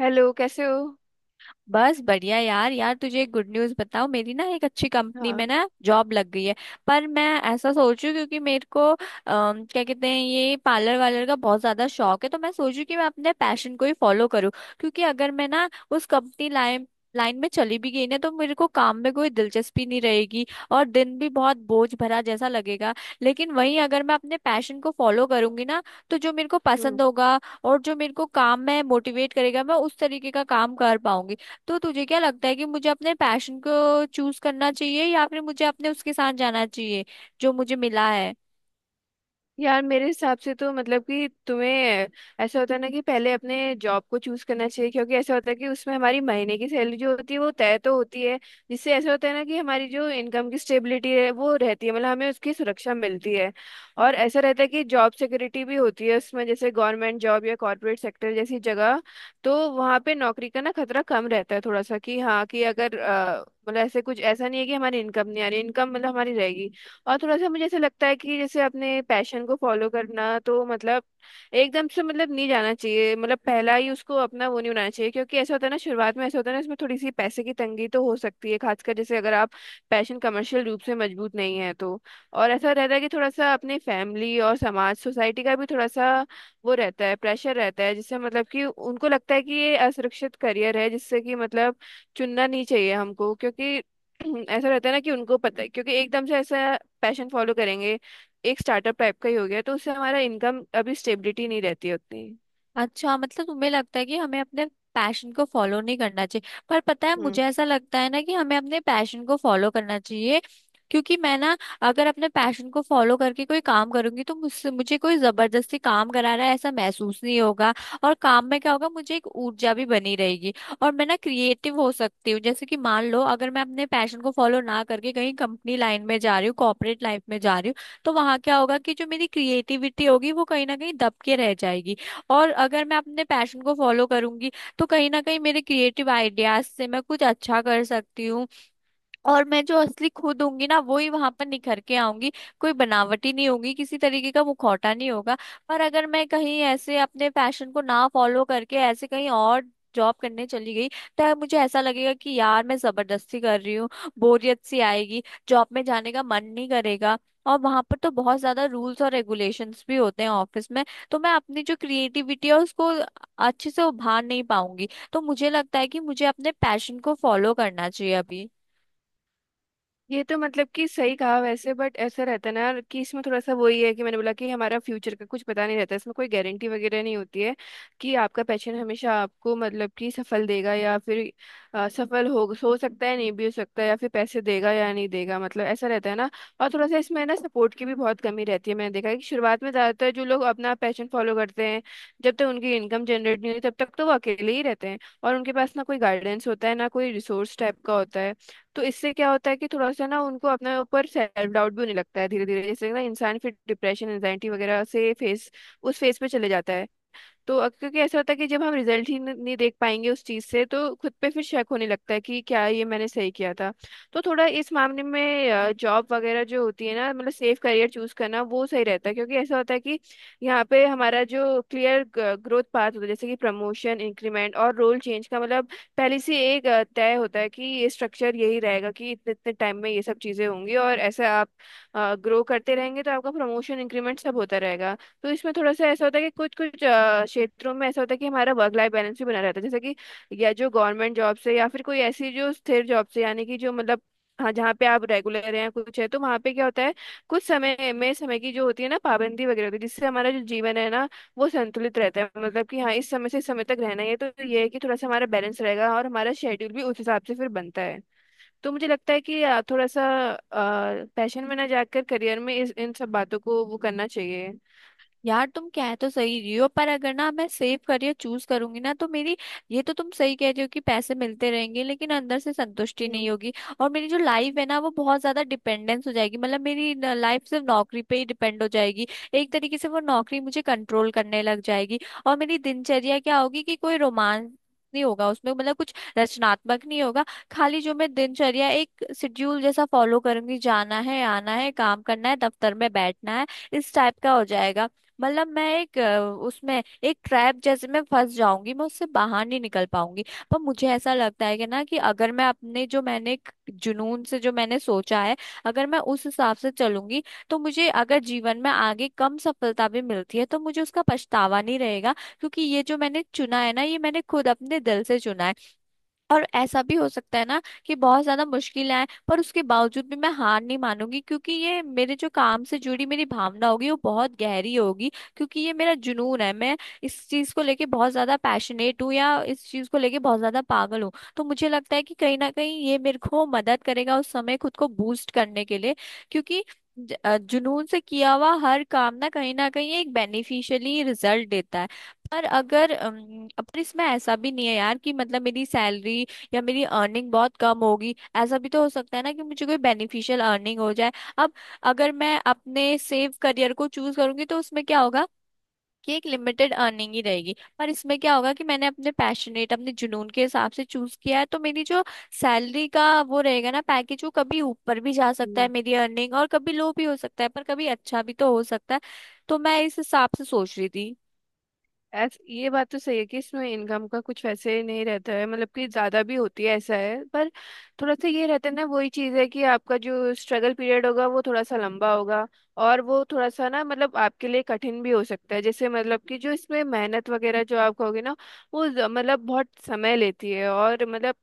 Hello, कैसे हो? बस बढ़िया यार। तुझे एक गुड न्यूज़ बताऊं, मेरी ना एक अच्छी कंपनी हाँ। में ना जॉब लग गई है। पर मैं ऐसा सोचूं क्योंकि मेरे को क्या कहते हैं ये पार्लर वालर का बहुत ज्यादा शौक है, तो मैं सोचूं कि मैं अपने पैशन को ही फॉलो करूं। क्योंकि अगर मैं ना उस कंपनी लाइन लाइन में चली भी गई ना तो मेरे को काम में कोई दिलचस्पी नहीं रहेगी और दिन भी बहुत बोझ भरा जैसा लगेगा। लेकिन वहीं अगर मैं अपने पैशन को फॉलो करूंगी ना, तो जो मेरे को हम्म। पसंद होगा और जो मेरे को काम में मोटिवेट करेगा, मैं उस तरीके का काम कर पाऊंगी। तो तुझे क्या लगता है कि मुझे अपने पैशन को चूज करना चाहिए या फिर मुझे अपने उसके साथ जाना चाहिए जो मुझे मिला है? यार, मेरे हिसाब से तो मतलब कि तुम्हें ऐसा होता है ना कि पहले अपने जॉब को चूज करना चाहिए, क्योंकि ऐसा होता है कि उसमें हमारी महीने की सैलरी जो होती है वो तय तो होती है। जिससे ऐसा होता है ना कि हमारी जो इनकम की स्टेबिलिटी है वो रहती है, मतलब हमें उसकी सुरक्षा मिलती है। और ऐसा रहता है कि जॉब सिक्योरिटी भी होती है उसमें, जैसे गवर्नमेंट जॉब या कॉरपोरेट सेक्टर जैसी जगह। तो वहाँ पे नौकरी का ना खतरा कम रहता है थोड़ा सा, कि हाँ कि अगर मतलब ऐसे कुछ ऐसा नहीं है कि हमारी इनकम नहीं आ रही, इनकम मतलब हमारी रहेगी। और थोड़ा सा मुझे ऐसा लगता है कि जैसे अपने पैशन को फॉलो करना तो मतलब एकदम से मतलब नहीं जाना चाहिए, मतलब पहला ही उसको अपना वो नहीं बनाना चाहिए। क्योंकि ऐसा होता है ना, शुरुआत में ऐसा होता है ना इसमें थोड़ी सी पैसे की तंगी तो हो सकती है, खासकर जैसे अगर आप पैशन कमर्शियल रूप से मजबूत नहीं है तो। और ऐसा रहता है कि थोड़ा सा अपने फैमिली और समाज सोसाइटी का भी थोड़ा सा वो रहता है, प्रेशर रहता है, जिससे मतलब कि उनको लगता है कि ये असुरक्षित करियर है, जिससे कि मतलब चुनना नहीं चाहिए हमको। क्योंकि ऐसा रहता है ना कि उनको पता है क्योंकि एकदम से ऐसा पैशन फॉलो करेंगे, एक स्टार्टअप टाइप का ही हो गया तो उससे हमारा इनकम अभी स्टेबिलिटी नहीं रहती है उतनी। अच्छा, मतलब तुम्हें लगता है कि हमें अपने पैशन को फॉलो नहीं करना चाहिए। पर पता है मुझे ऐसा लगता है ना कि हमें अपने पैशन को फॉलो करना चाहिए। क्योंकि मैं ना अगर अपने पैशन को फॉलो करके कोई काम करूंगी तो मुझसे मुझे कोई जबरदस्ती काम करा रहा है ऐसा महसूस नहीं होगा। और काम में क्या होगा, मुझे एक ऊर्जा भी बनी रहेगी और मैं ना क्रिएटिव हो सकती हूँ। जैसे कि मान लो अगर मैं अपने पैशन को फॉलो ना करके कहीं कंपनी लाइन में जा रही हूँ, कॉर्पोरेट लाइफ में जा रही हूँ, तो वहां क्या होगा कि जो मेरी क्रिएटिविटी होगी वो कहीं ना कहीं दब के रह जाएगी। और अगर मैं अपने पैशन को फॉलो करूंगी तो कहीं ना कहीं मेरे क्रिएटिव आइडियाज से मैं कुछ अच्छा कर सकती हूँ, और मैं जो असली खुद होंगी ना वो ही वहां पर निखर के आऊंगी। कोई बनावटी नहीं होगी, किसी तरीके का मुखौटा नहीं होगा। पर अगर मैं कहीं ऐसे अपने पैशन को ना फॉलो करके ऐसे कहीं और जॉब करने चली गई, तो मुझे ऐसा लगेगा कि यार मैं जबरदस्ती कर रही हूँ, बोरियत सी आएगी, जॉब में जाने का मन नहीं करेगा। और वहां पर तो बहुत ज्यादा रूल्स और रेगुलेशंस भी होते हैं ऑफिस में, तो मैं अपनी जो क्रिएटिविटी है उसको अच्छे से उभार नहीं पाऊंगी। तो मुझे लगता है कि मुझे अपने पैशन को फॉलो करना चाहिए अभी। ये तो मतलब कि सही कहा वैसे, बट ऐसा रहता है ना कि इसमें थोड़ा सा वही है कि मैंने बोला कि हमारा फ्यूचर का कुछ पता नहीं रहता, इसमें कोई गारंटी वगैरह नहीं होती है कि आपका पैशन हमेशा आपको मतलब कि सफल देगा या फिर सफल हो सकता है नहीं भी हो सकता है, या फिर पैसे देगा या नहीं देगा, मतलब ऐसा रहता है ना। और थोड़ा सा इसमें ना सपोर्ट की भी बहुत कमी रहती है। मैंने देखा है कि शुरुआत में ज़्यादातर जो लोग अपना पैशन फॉलो करते हैं जब तक उनकी इनकम जनरेट नहीं होती तब तक तो वो अकेले ही रहते हैं। और उनके पास ना कोई गाइडेंस होता है ना कोई रिसोर्स टाइप का होता है। तो इससे क्या होता है कि थोड़ा सा ना उनको अपने ऊपर सेल्फ डाउट भी होने लगता है धीरे धीरे, जैसे ना इंसान फिर डिप्रेशन एंजाइटी वगैरह से फेस उस फेस पे चले जाता है। तो क्योंकि ऐसा होता है कि जब हम रिजल्ट ही नहीं देख पाएंगे उस चीज से तो खुद पे फिर शक होने लगता है कि क्या ये मैंने सही किया था। तो थोड़ा इस मामले में जॉब वगैरह जो होती है ना, मतलब सेफ करियर चूज करना वो सही रहता है, क्योंकि ऐसा होता है कि यहाँ पे हमारा जो क्लियर ग्रोथ पाथ होता है जैसे कि प्रमोशन, इंक्रीमेंट और रोल चेंज का मतलब पहले से एक तय होता है कि ये स्ट्रक्चर यही रहेगा कि इतने इतने टाइम में ये सब चीजें होंगी और ऐसे आप ग्रो करते रहेंगे तो आपका प्रमोशन इंक्रीमेंट सब होता रहेगा। तो इसमें थोड़ा सा ऐसा होता है कि कुछ कुछ क्षेत्रों में ऐसा होता है कि हमारा वर्क लाइफ बैलेंस भी बना रहता है, जैसे कि या जो गवर्नमेंट जॉब से या फिर कोई ऐसी जो स्थिर जॉब से, यानी कि जो मतलब हाँ जहाँ पे आप रेगुलर हैं कुछ है तो वहाँ पे क्या होता है कुछ समय में समय की जो होती है ना पाबंदी वगैरह होती है जिससे हमारा जो जीवन है ना वो संतुलित रहता है, मतलब कि हाँ इस समय से इस समय तक रहना ही है तो ये है कि थोड़ा सा हमारा बैलेंस रहेगा और हमारा शेड्यूल भी उस हिसाब से फिर बनता है। तो मुझे लगता है कि थोड़ा सा पैशन में ना जाकर करियर में इस इन सब बातों को वो करना चाहिए। यार तुम कह तो सही रही हो, पर अगर ना मैं सेव करियर चूज करूंगी ना तो मेरी, ये तो तुम सही कह रही हो कि पैसे मिलते रहेंगे लेकिन अंदर से संतुष्टि नहीं हम्म। होगी। और मेरी जो लाइफ है ना वो बहुत ज्यादा डिपेंडेंस हो जाएगी, मतलब मेरी लाइफ सिर्फ नौकरी पे ही डिपेंड हो जाएगी। एक तरीके से वो नौकरी मुझे कंट्रोल करने लग जाएगी। और मेरी दिनचर्या क्या होगी कि कोई रोमांस नहीं होगा उसमें, मतलब कुछ रचनात्मक नहीं होगा। खाली जो मैं दिनचर्या एक शेड्यूल जैसा फॉलो करूंगी, जाना है, आना है, काम करना है, दफ्तर में बैठना है, इस टाइप का हो जाएगा। मतलब मैं एक उसमें एक ट्रैप जैसे मैं फंस जाऊंगी, मैं उससे बाहर नहीं निकल पाऊंगी। पर मुझे ऐसा लगता है कि ना कि अगर मैं अपने जो मैंने एक जुनून से जो मैंने सोचा है, अगर मैं उस हिसाब से चलूंगी, तो मुझे अगर जीवन में आगे कम सफलता भी मिलती है तो मुझे उसका पछतावा नहीं रहेगा, क्योंकि ये जो मैंने चुना है ना ये मैंने खुद अपने दिल से चुना है। और ऐसा भी हो सकता है ना कि बहुत ज्यादा मुश्किल आए, पर उसके बावजूद भी मैं हार नहीं मानूंगी, क्योंकि ये मेरे जो काम से जुड़ी मेरी भावना होगी वो बहुत गहरी होगी। क्योंकि ये मेरा जुनून है, मैं इस चीज को लेके बहुत ज्यादा पैशनेट हूँ या इस चीज को लेके बहुत ज्यादा पागल हूँ। तो मुझे लगता है कि कहीं ना कहीं ये मेरे को मदद करेगा उस समय खुद को बूस्ट करने के लिए, क्योंकि जुनून से किया हुआ हर काम ना कहीं एक बेनिफिशियली रिजल्ट देता है। पर अगर, पर इसमें ऐसा भी नहीं है यार कि मतलब मेरी सैलरी या मेरी अर्निंग बहुत कम होगी, ऐसा भी तो हो सकता है ना कि मुझे कोई बेनिफिशियल अर्निंग हो जाए। अब अगर मैं अपने सेव करियर को चूज करूंगी तो उसमें क्या होगा कि एक लिमिटेड अर्निंग ही रहेगी। पर इसमें क्या होगा कि मैंने अपने पैशनेट अपने जुनून के हिसाब से चूज किया है तो मेरी जो सैलरी का वो रहेगा ना पैकेज, वो कभी ऊपर भी जा सकता है हम्म, मेरी अर्निंग और कभी लो भी हो सकता है, पर कभी अच्छा भी तो हो सकता है। तो मैं इस हिसाब से सोच रही थी। ऐस ये बात तो सही है कि इसमें इनकम का कुछ वैसे नहीं रहता है मतलब कि ज्यादा भी होती है ऐसा है, पर थोड़ा सा ये रहता है ना वही चीज है कि आपका जो स्ट्रगल पीरियड होगा वो थोड़ा सा लंबा होगा। और वो थोड़ा सा ना मतलब आपके लिए कठिन भी हो सकता है, जैसे मतलब कि जो इसमें मेहनत वगैरह जो आप कहोगे ना वो मतलब बहुत समय लेती है और मतलब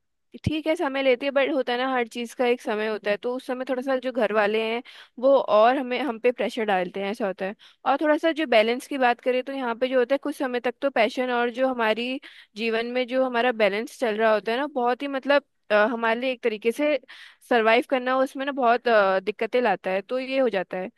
ठीक है समय लेती है, बट होता है ना हर चीज का एक समय होता है। तो उस समय थोड़ा सा जो घर वाले हैं वो और हमें हम पे प्रेशर डालते हैं, ऐसा होता है। और थोड़ा सा जो बैलेंस की बात करें तो यहाँ पे जो होता है कुछ समय तक तो पैशन और जो हमारी जीवन में जो हमारा बैलेंस चल रहा होता है ना बहुत ही मतलब हमारे लिए एक तरीके से सरवाइव करना उसमें ना बहुत दिक्कतें लाता है, तो ये हो जाता है।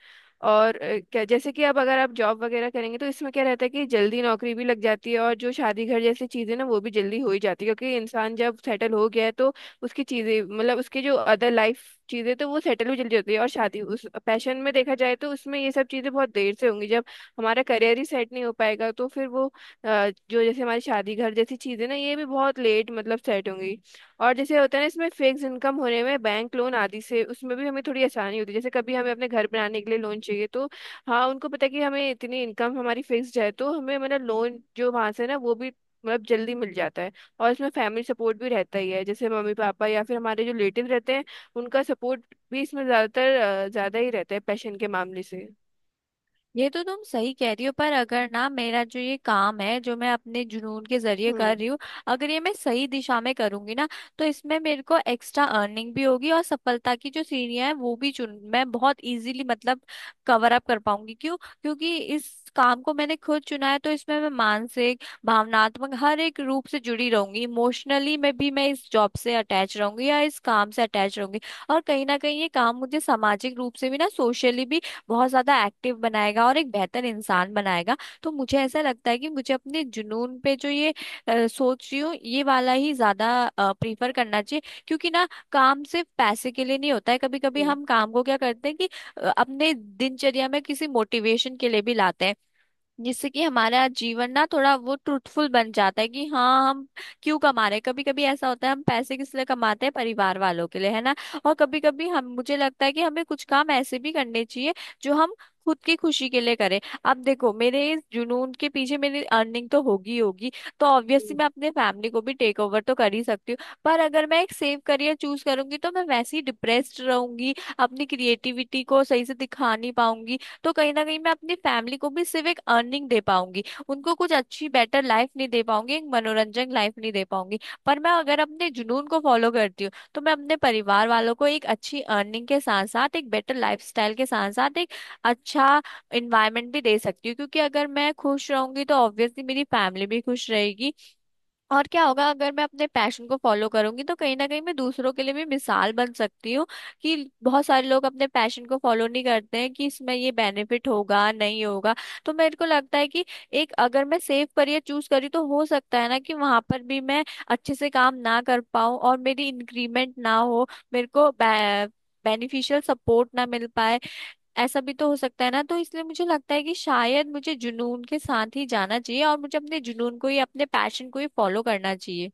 और क्या जैसे कि अब अगर आप जॉब वगैरह करेंगे तो इसमें क्या रहता है कि जल्दी नौकरी भी लग जाती है और जो शादी घर जैसी चीजें ना वो भी जल्दी हो ही जाती है, क्योंकि इंसान जब सेटल हो गया है तो उसकी चीजें मतलब उसकी जो अदर लाइफ चीजें तो वो सेटल भी जल्दी होती है। और शादी उस पैशन में देखा जाए तो उसमें ये सब चीजें बहुत देर से होंगी, जब हमारा करियर ही सेट नहीं हो पाएगा तो फिर वो जो जैसे हमारी शादी घर जैसी चीजें ना ये भी बहुत लेट मतलब सेट होंगी। और जैसे होता है ना इसमें फिक्स इनकम होने में बैंक लोन आदि से उसमें भी हमें थोड़ी आसानी होती है, जैसे कभी हमें अपने घर बनाने के लिए लोन चाहिए तो हाँ उनको पता है कि हमें इतनी इनकम हमारी फिक्स्ड है तो हमें मतलब लोन जो वहां से ना वो भी मतलब जल्दी मिल जाता है। और इसमें फैमिली सपोर्ट भी रहता ही है, जैसे मम्मी पापा या फिर हमारे जो रिलेटिव रहते हैं उनका सपोर्ट भी इसमें ज्यादातर ज्यादा ही रहता है पैशन के मामले से। ये तो तुम सही कह रही हो, पर अगर ना मेरा जो ये काम है जो मैं अपने जुनून के जरिए कर हम्म। रही हूँ, अगर ये मैं सही दिशा में करूंगी ना, तो इसमें मेरे को एक्स्ट्रा अर्निंग भी होगी और सफलता की जो सीढ़ियां हैं वो भी चुन, मैं बहुत इजीली मतलब कवर अप कर पाऊंगी। क्यों? क्योंकि इस काम को मैंने खुद चुना है, तो इसमें मैं मानसिक, भावनात्मक हर एक रूप से जुड़ी रहूंगी। इमोशनली मैं इस जॉब से अटैच रहूंगी या इस काम से अटैच रहूंगी। और कहीं ना कहीं ये काम मुझे सामाजिक रूप से भी ना, सोशली भी बहुत ज्यादा एक्टिव बनाएगा और एक बेहतर इंसान बनाएगा। तो मुझे ऐसा लगता है कि मुझे अपने जुनून पे जो ये सोच रही हूँ ये वाला ही ज्यादा प्रीफर करना चाहिए। क्योंकि ना काम सिर्फ पैसे के लिए नहीं होता है। कभी कभी हम काम को क्या करते हैं कि अपने दिनचर्या में किसी मोटिवेशन के लिए भी लाते हैं, जिससे कि हमारा जीवन ना थोड़ा वो ट्रूथफुल बन जाता है कि हाँ हम क्यों कमा रहे हैं। कभी कभी ऐसा होता है हम पैसे किस लिए कमाते हैं, परिवार वालों के लिए है ना। और कभी कभी हम मुझे लगता है कि हमें कुछ काम ऐसे भी करने चाहिए जो हम खुद की खुशी के लिए करें। अब देखो मेरे इस जुनून के पीछे मेरी अर्निंग तो होगी ही होगी, तो हम्म। ऑब्वियसली मैं अपने फैमिली को भी टेक ओवर तो कर ही सकती हूँ। पर अगर मैं एक सेफ करियर चूज करूंगी तो मैं वैसे ही डिप्रेस्ड रहूंगी, अपनी क्रिएटिविटी को सही से दिखा नहीं पाऊंगी, तो कहीं ना कहीं मैं अपनी फैमिली को भी सिर्फ एक अर्निंग दे पाऊंगी, उनको कुछ अच्छी बेटर लाइफ नहीं दे पाऊंगी, एक मनोरंजक लाइफ नहीं दे पाऊंगी। पर मैं अगर अपने जुनून को फॉलो करती हूँ तो मैं अपने परिवार वालों को एक अच्छी अर्निंग के साथ साथ एक बेटर लाइफस्टाइल के साथ साथ एक अच्छा इन्वायरमेंट भी दे सकती हूँ, क्योंकि अगर मैं खुश रहूंगी तो ऑब्वियसली मेरी फैमिली भी खुश रहेगी। और क्या होगा, अगर मैं अपने पैशन को फॉलो करूंगी तो कहीं ना कहीं मैं दूसरों के लिए भी मिसाल बन सकती हूँ कि बहुत सारे लोग अपने पैशन को फॉलो नहीं करते हैं कि इसमें ये बेनिफिट होगा, नहीं होगा। तो मेरे को लगता है कि एक अगर मैं सेफ करियर चूज करी तो हो सकता है ना कि वहां पर भी मैं अच्छे से काम ना कर पाऊँ और मेरी इंक्रीमेंट ना हो, मेरे को बेनिफिशियल सपोर्ट ना मिल पाए, ऐसा भी तो हो सकता है ना। तो इसलिए मुझे लगता है कि शायद मुझे जुनून के साथ ही जाना चाहिए और मुझे अपने जुनून को ही, अपने पैशन को ही फॉलो करना चाहिए।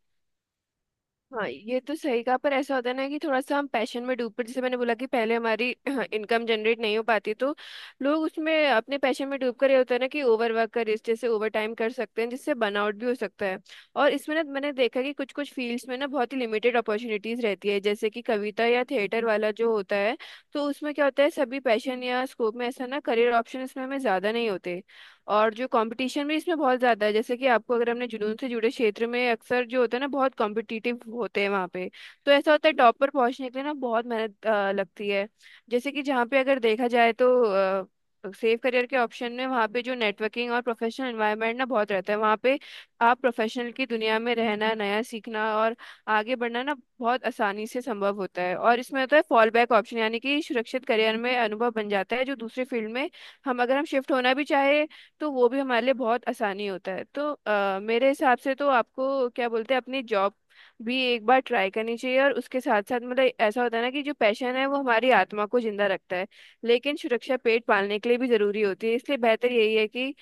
हाँ, ये तो सही कहा, पर ऐसा होता है ना कि थोड़ा सा हम पैशन में डूब पड़े, जैसे मैंने बोला कि पहले हमारी इनकम जनरेट नहीं हो पाती तो लोग उसमें अपने पैशन में डूब कर ये होता है ना कि ओवर वर्क कर इस जैसे ओवर टाइम कर सकते हैं जिससे बर्नआउट भी हो सकता है। और इसमें ना मैंने देखा कि कुछ कुछ फील्ड्स में ना बहुत ही लिमिटेड अपॉर्चुनिटीज रहती है, जैसे कि कविता या थिएटर वाला जो होता है, तो उसमें क्या होता है सभी पैशन या स्कोप में ऐसा ना करियर ऑप्शन इसमें हमें ज्यादा नहीं होते। और जो कंपटीशन भी इसमें बहुत ज़्यादा है, जैसे कि आपको अगर हमने जुनून से जुड़े क्षेत्र में अक्सर जो होता है ना बहुत कॉम्पिटिटिव होते हैं वहाँ पे, तो ऐसा होता है टॉप पर पहुँचने के लिए ना बहुत मेहनत लगती है। जैसे कि जहाँ पे अगर देखा जाए तो सेफ करियर के ऑप्शन में वहाँ पे जो नेटवर्किंग और प्रोफेशनल एनवायरनमेंट ना बहुत रहता है वहाँ पे, आप प्रोफेशनल की दुनिया में रहना, नया सीखना और आगे बढ़ना ना बहुत आसानी से संभव होता है। और इसमें होता है फॉल बैक ऑप्शन, यानी कि सुरक्षित करियर में अनुभव बन जाता है जो दूसरे फील्ड में हम अगर हम शिफ्ट होना भी चाहे तो वो भी हमारे लिए बहुत आसानी होता है। तो मेरे हिसाब से तो आपको क्या बोलते हैं, अपनी जॉब भी एक बार ट्राई करनी चाहिए और उसके साथ साथ मतलब ऐसा होता है ना कि जो पैशन है वो हमारी आत्मा को जिंदा रखता है, लेकिन सुरक्षा पेट पालने के लिए भी जरूरी होती है, इसलिए बेहतर यही है कि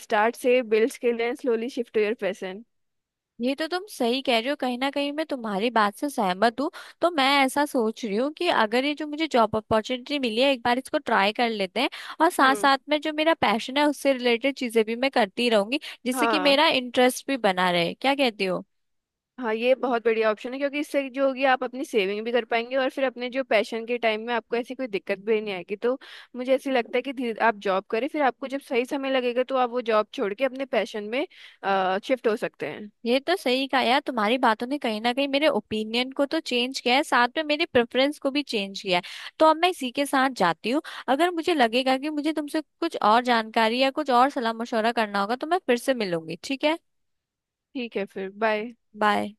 स्टार्ट से build skill and slowly shift your passion. ये तो तुम सही कह रही हो, कहीं ना कहीं मैं तुम्हारी बात से सहमत हूँ। तो मैं ऐसा सोच रही हूँ कि अगर ये जो मुझे जॉब अपॉर्चुनिटी मिली है एक बार इसको ट्राई कर लेते हैं और साथ हम्म। साथ में जो मेरा पैशन है उससे रिलेटेड चीजें भी मैं करती रहूंगी, जिससे कि हाँ। मेरा इंटरेस्ट भी बना रहे। क्या कहती हो? हाँ, ये बहुत बढ़िया ऑप्शन है, क्योंकि इससे जो होगी आप अपनी सेविंग भी कर पाएंगे और फिर अपने जो पैशन के टाइम में आपको ऐसी कोई दिक्कत भी नहीं आएगी, तो मुझे ऐसे लगता है कि धीरे आप जॉब करें फिर आपको जब सही समय लगेगा तो आप वो जॉब छोड़ के अपने पैशन में शिफ्ट हो सकते हैं। ये तो सही कहा यार, तुम्हारी बातों ने कहीं ना कहीं मेरे ओपिनियन को तो चेंज किया है, साथ में मेरी प्रेफरेंस को भी चेंज किया है। तो अब मैं इसी के साथ जाती हूँ। अगर मुझे लगेगा कि मुझे तुमसे कुछ और जानकारी या कुछ और सलाह मशवरा करना होगा तो मैं फिर से मिलूंगी। ठीक है? ठीक है, फिर बाय। बाय।